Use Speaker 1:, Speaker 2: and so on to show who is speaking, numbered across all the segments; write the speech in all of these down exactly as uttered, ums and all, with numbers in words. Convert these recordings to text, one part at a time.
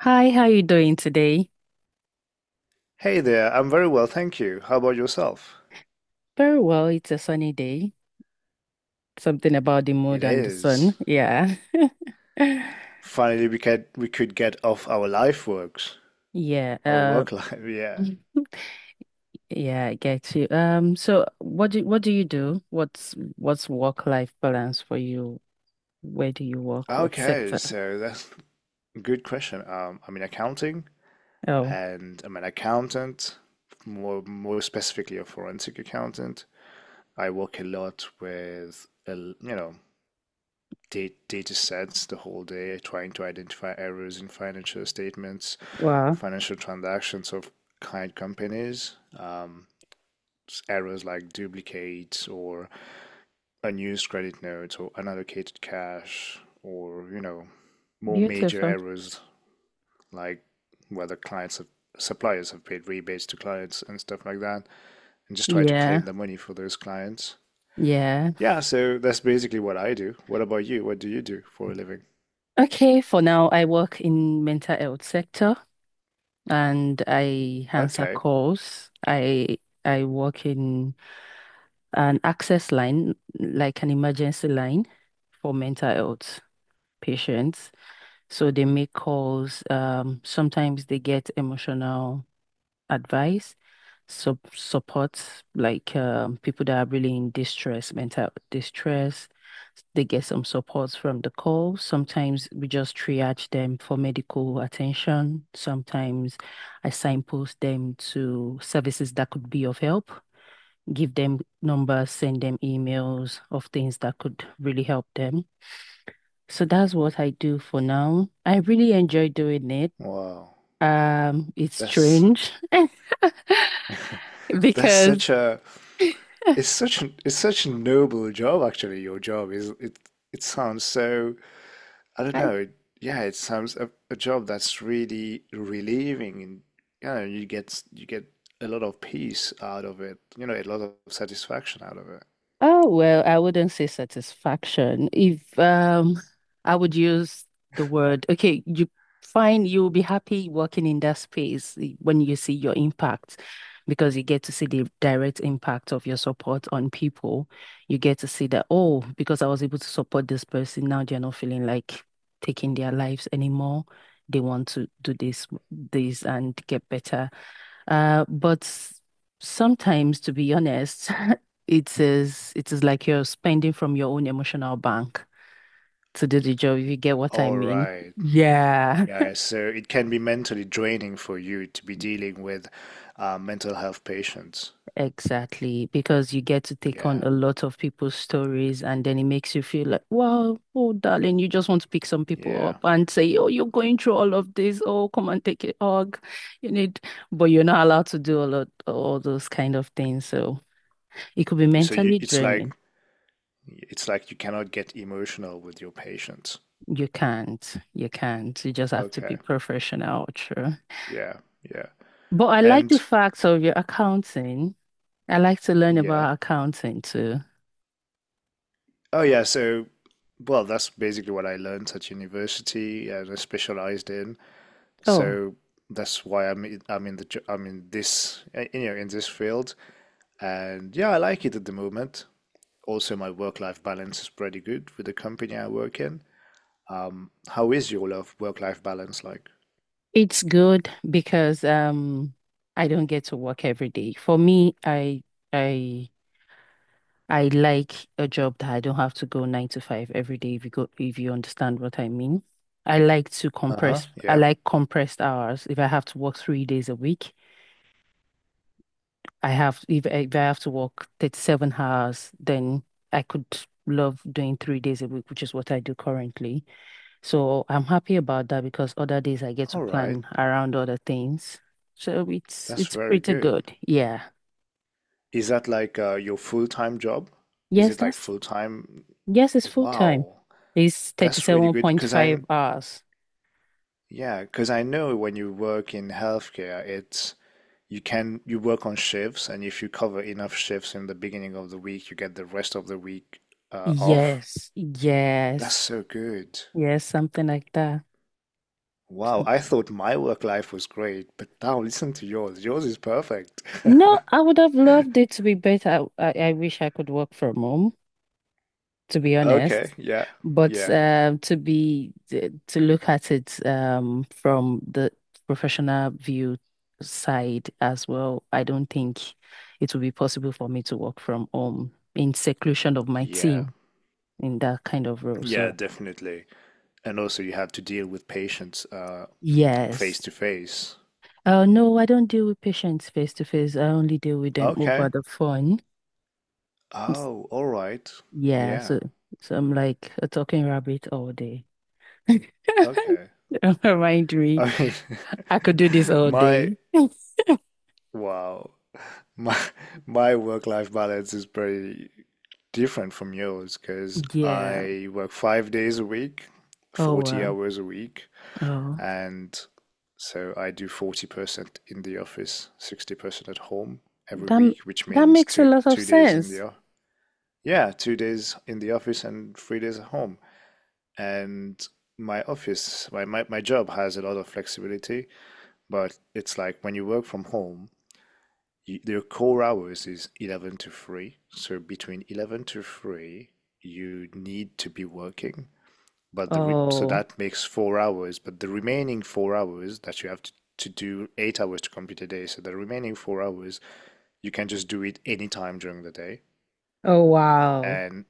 Speaker 1: Hi, how you doing today?
Speaker 2: Hey there, I'm very well, thank you. How about yourself?
Speaker 1: Very well. It's a sunny day. Something about the
Speaker 2: It
Speaker 1: mood and the
Speaker 2: is.
Speaker 1: sun. Yeah.
Speaker 2: Finally, we could we could get off our life works,
Speaker 1: Yeah.
Speaker 2: our
Speaker 1: Uh,
Speaker 2: work life. Yeah.
Speaker 1: yeah, I get you. Um, so what do what do you do? What's what's work-life balance for you? Where do you work? What
Speaker 2: Okay,
Speaker 1: sector?
Speaker 2: so that's a good question. Um, I'm in accounting,
Speaker 1: Oh,
Speaker 2: and I'm an accountant, more more specifically a forensic accountant. I work a lot with a l- you know data, data sets the whole day, trying to identify errors in financial statements,
Speaker 1: wow.
Speaker 2: financial transactions of client companies. Um, errors like duplicates or unused credit notes or unallocated cash or, you know, more major
Speaker 1: Beautiful.
Speaker 2: errors like whether clients have suppliers have paid rebates to clients and stuff like that and just try to
Speaker 1: Yeah.
Speaker 2: claim the money for those clients.
Speaker 1: Yeah.
Speaker 2: Yeah, so that's basically what I do. What about you? What do you do for a living?
Speaker 1: Okay, for now, I work in mental health sector and I answer
Speaker 2: Okay.
Speaker 1: calls. I I work in an access line, like an emergency line for mental health patients. So they make calls. Um, sometimes they get emotional advice, sub support, like um, people that are really in distress, mental distress. They get some support from the call. Sometimes we just triage them for medical attention. Sometimes I signpost them to services that could be of help, give them numbers, send them emails of things that could really help them. So that's what I do for now. I really enjoy doing it.
Speaker 2: Wow.
Speaker 1: Um, it's
Speaker 2: That's
Speaker 1: strange.
Speaker 2: that's such a it's such an it's such a noble job. Actually, your job, is it it sounds so, I don't know. it- Yeah, it sounds a, a job that's really relieving, and you know, you get you get a lot of peace out of it. You know, a lot of satisfaction out of it.
Speaker 1: Oh, well, I wouldn't say satisfaction. If um I would use the word, okay, you find you'll be happy working in that space when you see your impact because you get to see the direct impact of your support on people. You get to see that, oh, because I was able to support this person, now they're not feeling like taking their lives anymore. They want to do this, this and get better, uh, but sometimes, to be honest, it is it is like you're spending from your own emotional bank to do the job, if you get what I
Speaker 2: All
Speaker 1: mean.
Speaker 2: right.
Speaker 1: Yeah,
Speaker 2: Yeah, so it can be mentally draining for you to be dealing with uh, mental health patients.
Speaker 1: exactly. Because you get to take on
Speaker 2: Yeah,
Speaker 1: a lot of people's stories, and then it makes you feel like, wow, oh, darling, you just want to pick some people
Speaker 2: yeah.
Speaker 1: up and say, oh, you're going through all of this. Oh, come and take a hug. You need, but you're not allowed to do a lot, all those kind of things. So it could be
Speaker 2: So you,
Speaker 1: mentally
Speaker 2: it's like
Speaker 1: draining.
Speaker 2: it's like you cannot get emotional with your patients.
Speaker 1: You can't. You can't. You just have to
Speaker 2: Okay.
Speaker 1: be professional, true.
Speaker 2: Yeah, yeah.
Speaker 1: But I like the
Speaker 2: And
Speaker 1: facts of your accounting. I like to learn
Speaker 2: yeah.
Speaker 1: about accounting too.
Speaker 2: Oh yeah, so well, that's basically what I learned at university and I specialized in.
Speaker 1: Oh,
Speaker 2: So that's why I'm in- I'm in the jo- I'm in this uh, you know in this field, and yeah, I like it at the moment. Also, my work-life balance is pretty good with the company I work in. Um, how is your love work-life balance like?
Speaker 1: it's good because um I don't get to work every day. For me, I I I like a job that I don't have to go nine to five every day if you go if you understand what I mean. I like to
Speaker 2: Uh-huh,
Speaker 1: compress I
Speaker 2: yeah.
Speaker 1: like compressed hours. If I have to work three days a week, I have if if I have to work thirty-seven hours, then I could love doing three days a week, which is what I do currently. So I'm happy about that because other days I get to
Speaker 2: All right,
Speaker 1: plan around other things. So it's
Speaker 2: that's
Speaker 1: it's
Speaker 2: very
Speaker 1: pretty
Speaker 2: good.
Speaker 1: good. Yeah.
Speaker 2: Is that like uh, your full-time job? Is
Speaker 1: Yes,
Speaker 2: it like
Speaker 1: that's
Speaker 2: full-time?
Speaker 1: yes, it's full time.
Speaker 2: Wow,
Speaker 1: It's
Speaker 2: that's really good. Because I
Speaker 1: thirty-seven point five hours.
Speaker 2: Yeah, because I know when you work in healthcare, it's you can you work on shifts, and if you cover enough shifts in the beginning of the week, you get the rest of the week uh, off.
Speaker 1: Yes,
Speaker 2: That's
Speaker 1: yes,
Speaker 2: so good.
Speaker 1: yes, something like that.
Speaker 2: Wow,
Speaker 1: Some-
Speaker 2: I thought my work life was great, but now listen to yours. Yours is perfect.
Speaker 1: no, I would have loved it to be better. I, I wish I could work from home, to be
Speaker 2: Okay,
Speaker 1: honest.
Speaker 2: yeah,
Speaker 1: But
Speaker 2: yeah,
Speaker 1: um, to be th- To look at it, um, from the professional view side as well, I don't think it will be possible for me to work from home in seclusion of my
Speaker 2: yeah,
Speaker 1: team in that kind of role.
Speaker 2: yeah,
Speaker 1: So
Speaker 2: definitely. And also, you have to deal with patients uh, face
Speaker 1: yes.
Speaker 2: to face.
Speaker 1: Uh, no, I don't deal with patients face to face. I only deal with them over
Speaker 2: Okay.
Speaker 1: the phone. It's-
Speaker 2: Oh, all right.
Speaker 1: Yeah,
Speaker 2: Yeah.
Speaker 1: so so I'm like a talking rabbit all day.
Speaker 2: Okay.
Speaker 1: Don't mind me.
Speaker 2: I
Speaker 1: I could do this
Speaker 2: mean,
Speaker 1: all
Speaker 2: my
Speaker 1: day.
Speaker 2: wow, my my work-life balance is pretty different from yours because
Speaker 1: Yeah.
Speaker 2: I work five days a week,
Speaker 1: Oh
Speaker 2: forty
Speaker 1: wow.
Speaker 2: hours a week,
Speaker 1: Oh,
Speaker 2: and so I do forty percent in the office, sixty percent at home every
Speaker 1: that
Speaker 2: week, which
Speaker 1: that
Speaker 2: means
Speaker 1: makes a
Speaker 2: two
Speaker 1: lot of
Speaker 2: two days in the
Speaker 1: sense.
Speaker 2: o- yeah, two days in the office and three days at home. And my office, my, my my job has a lot of flexibility. But it's like when you work from home, you, their core hours is eleven to three. So between eleven to three, you need to be working. But the re so
Speaker 1: Oh,
Speaker 2: that makes four hours. But the remaining four hours that you have to, to do eight hours to complete a day. So the remaining four hours, you can just do it anytime during the day.
Speaker 1: oh wow.
Speaker 2: And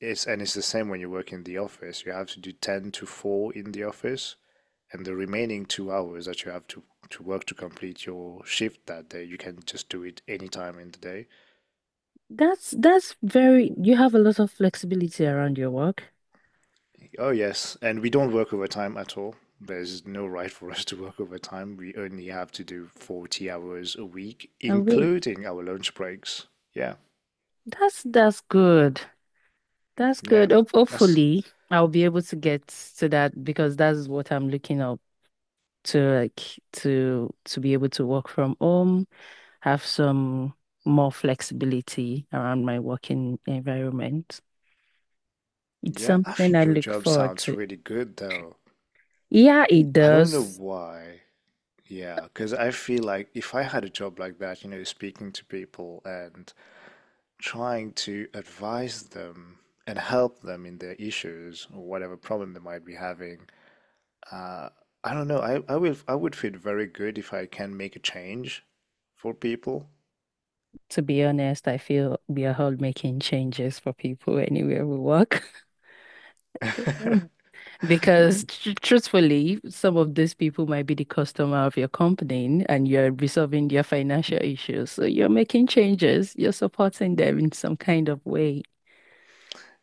Speaker 2: it's and it's the same when you work in the office. You have to do ten to four in the office, and the remaining two hours that you have to, to work to complete your shift that day, you can just do it anytime in the day.
Speaker 1: That's that's very. You have a lot of flexibility around your work.
Speaker 2: Oh, yes. And we don't work overtime at all. There's no right for us to work overtime. We only have to do forty hours a week,
Speaker 1: Oh wait,
Speaker 2: including our lunch breaks. Yeah,
Speaker 1: that's that's good. That's
Speaker 2: yeah.
Speaker 1: good. Hope
Speaker 2: That's,
Speaker 1: hopefully, I'll be able to get to that because that's what I'm looking up to, like to to be able to work from home, have some more flexibility around my working environment. It's
Speaker 2: yeah, I
Speaker 1: something I
Speaker 2: think your
Speaker 1: look
Speaker 2: job
Speaker 1: forward
Speaker 2: sounds
Speaker 1: to.
Speaker 2: really good though.
Speaker 1: Yeah, it
Speaker 2: I don't know
Speaker 1: does.
Speaker 2: why. Yeah, because I feel like if I had a job like that, you know, speaking to people and trying to advise them and help them in their issues or whatever problem they might be having, Uh, I don't know. I, I will I would feel very good if I can make a change for people.
Speaker 1: To be honest, I feel we are all making changes for people anywhere we work. Mm.
Speaker 2: Yeah.
Speaker 1: Because tr truthfully, some of these people might be the customer of your company and you're resolving their financial issues. So you're making changes, you're supporting them in some kind of way.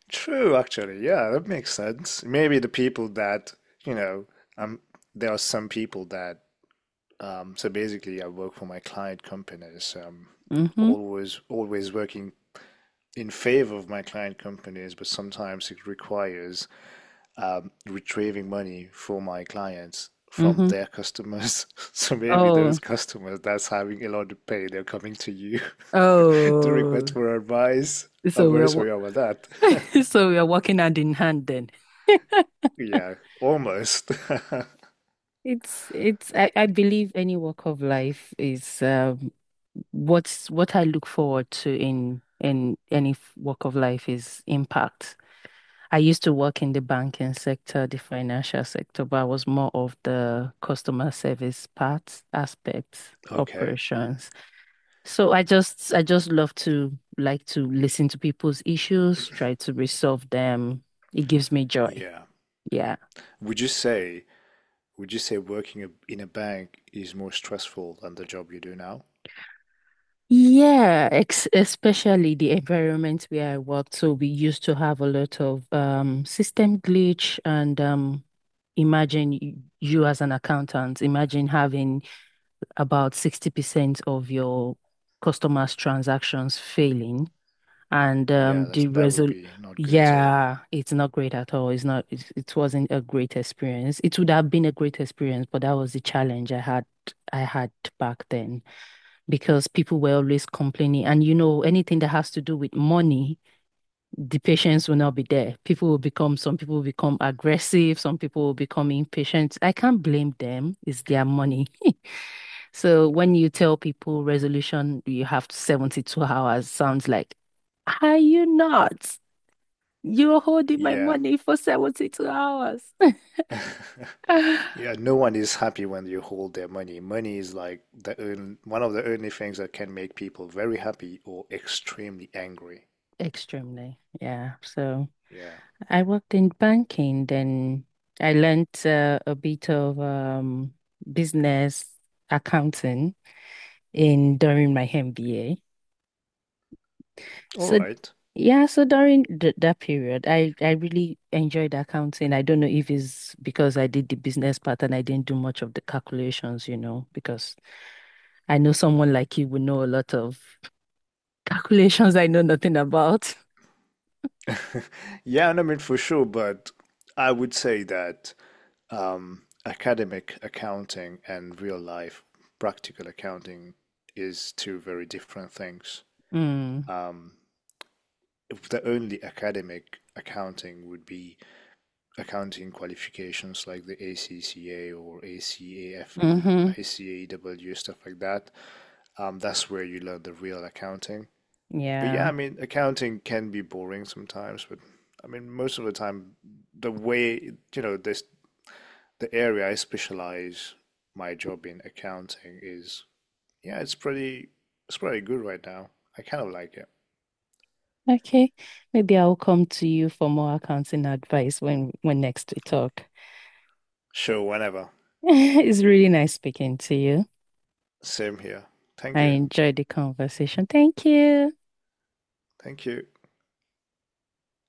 Speaker 2: True, actually. Yeah, that makes sense. Maybe the people that, you know, um there are some people that um so basically I work for my client companies. Um
Speaker 1: Mm-hmm.
Speaker 2: always always working in favor of my client companies, but sometimes it requires um, retrieving money for my clients from
Speaker 1: Mm-hmm.
Speaker 2: their customers. So maybe those
Speaker 1: Oh,
Speaker 2: customers that's having a lot of pain, they're coming to you to request
Speaker 1: oh.
Speaker 2: for advice. I'm
Speaker 1: So we
Speaker 2: very
Speaker 1: are wo-
Speaker 2: sorry about that.
Speaker 1: so we are working hand in hand then.
Speaker 2: Yeah, almost.
Speaker 1: It's it's I, I believe any walk of life is um what's what I look forward to in in any f- walk of life is impact. I used to work in the banking sector, the financial sector, but I was more of the customer service part, aspects,
Speaker 2: Okay.
Speaker 1: operations. So I just I just love to like to listen to people's issues, try to resolve them. It gives me joy.
Speaker 2: Yeah.
Speaker 1: Yeah.
Speaker 2: Would you say would you say working a- in a bank is more stressful than the job you do now?
Speaker 1: Yeah, ex especially the environment where I worked. So we used to have a lot of um, system glitch and um, imagine y- you as an accountant, imagine having about sixty percent of your customers' transactions failing and um,
Speaker 2: Yeah, that's
Speaker 1: the
Speaker 2: that would
Speaker 1: result.
Speaker 2: be not good at all.
Speaker 1: Yeah, it's not great at all. It's not, it, it wasn't a great experience. It would have been a great experience, but that was the challenge I had I had back then because people were always complaining. And you know, anything that has to do with money, the patients will not be there. People will become, some people will become aggressive, some people will become impatient. I can't blame them. It's their money. So when you tell people resolution, you have seventy-two hours, sounds like, are you not? You're holding my
Speaker 2: Yeah.
Speaker 1: money for seventy-two hours.
Speaker 2: Yeah, no one is happy when you hold their money. Money is like the only, one of the only things that can make people very happy or extremely angry.
Speaker 1: Extremely. Yeah. So.
Speaker 2: Yeah.
Speaker 1: I worked in banking, then I learnt uh, a bit of um, business accounting in during my M B A.
Speaker 2: All
Speaker 1: So
Speaker 2: right.
Speaker 1: yeah, so during th that period, I I really enjoyed accounting. I don't know if it's because I did the business part and I didn't do much of the calculations, you know, because I know someone like you would know a lot of calculations I know nothing about.
Speaker 2: Yeah, and I mean for sure, but I would say that um, academic accounting and real life practical accounting is two very different things.
Speaker 1: Mm.
Speaker 2: Um, if the only academic accounting would be accounting qualifications like the A C C A or A C A F E,
Speaker 1: Hmm.
Speaker 2: I C A W, stuff like that. Um, that's where you learn the real accounting. But yeah,
Speaker 1: Yeah.
Speaker 2: I mean, accounting can be boring sometimes, but I mean, most of the time, the way, you know, this the area I specialize my job in accounting is, yeah, it's pretty it's pretty good right now. I kind of like it.
Speaker 1: Okay. Maybe I'll come to you for more accounting advice when when next we talk.
Speaker 2: Sure, whenever.
Speaker 1: It's really nice speaking to you.
Speaker 2: Same here. Thank
Speaker 1: I
Speaker 2: you.
Speaker 1: enjoyed the conversation. Thank you.
Speaker 2: Thank you.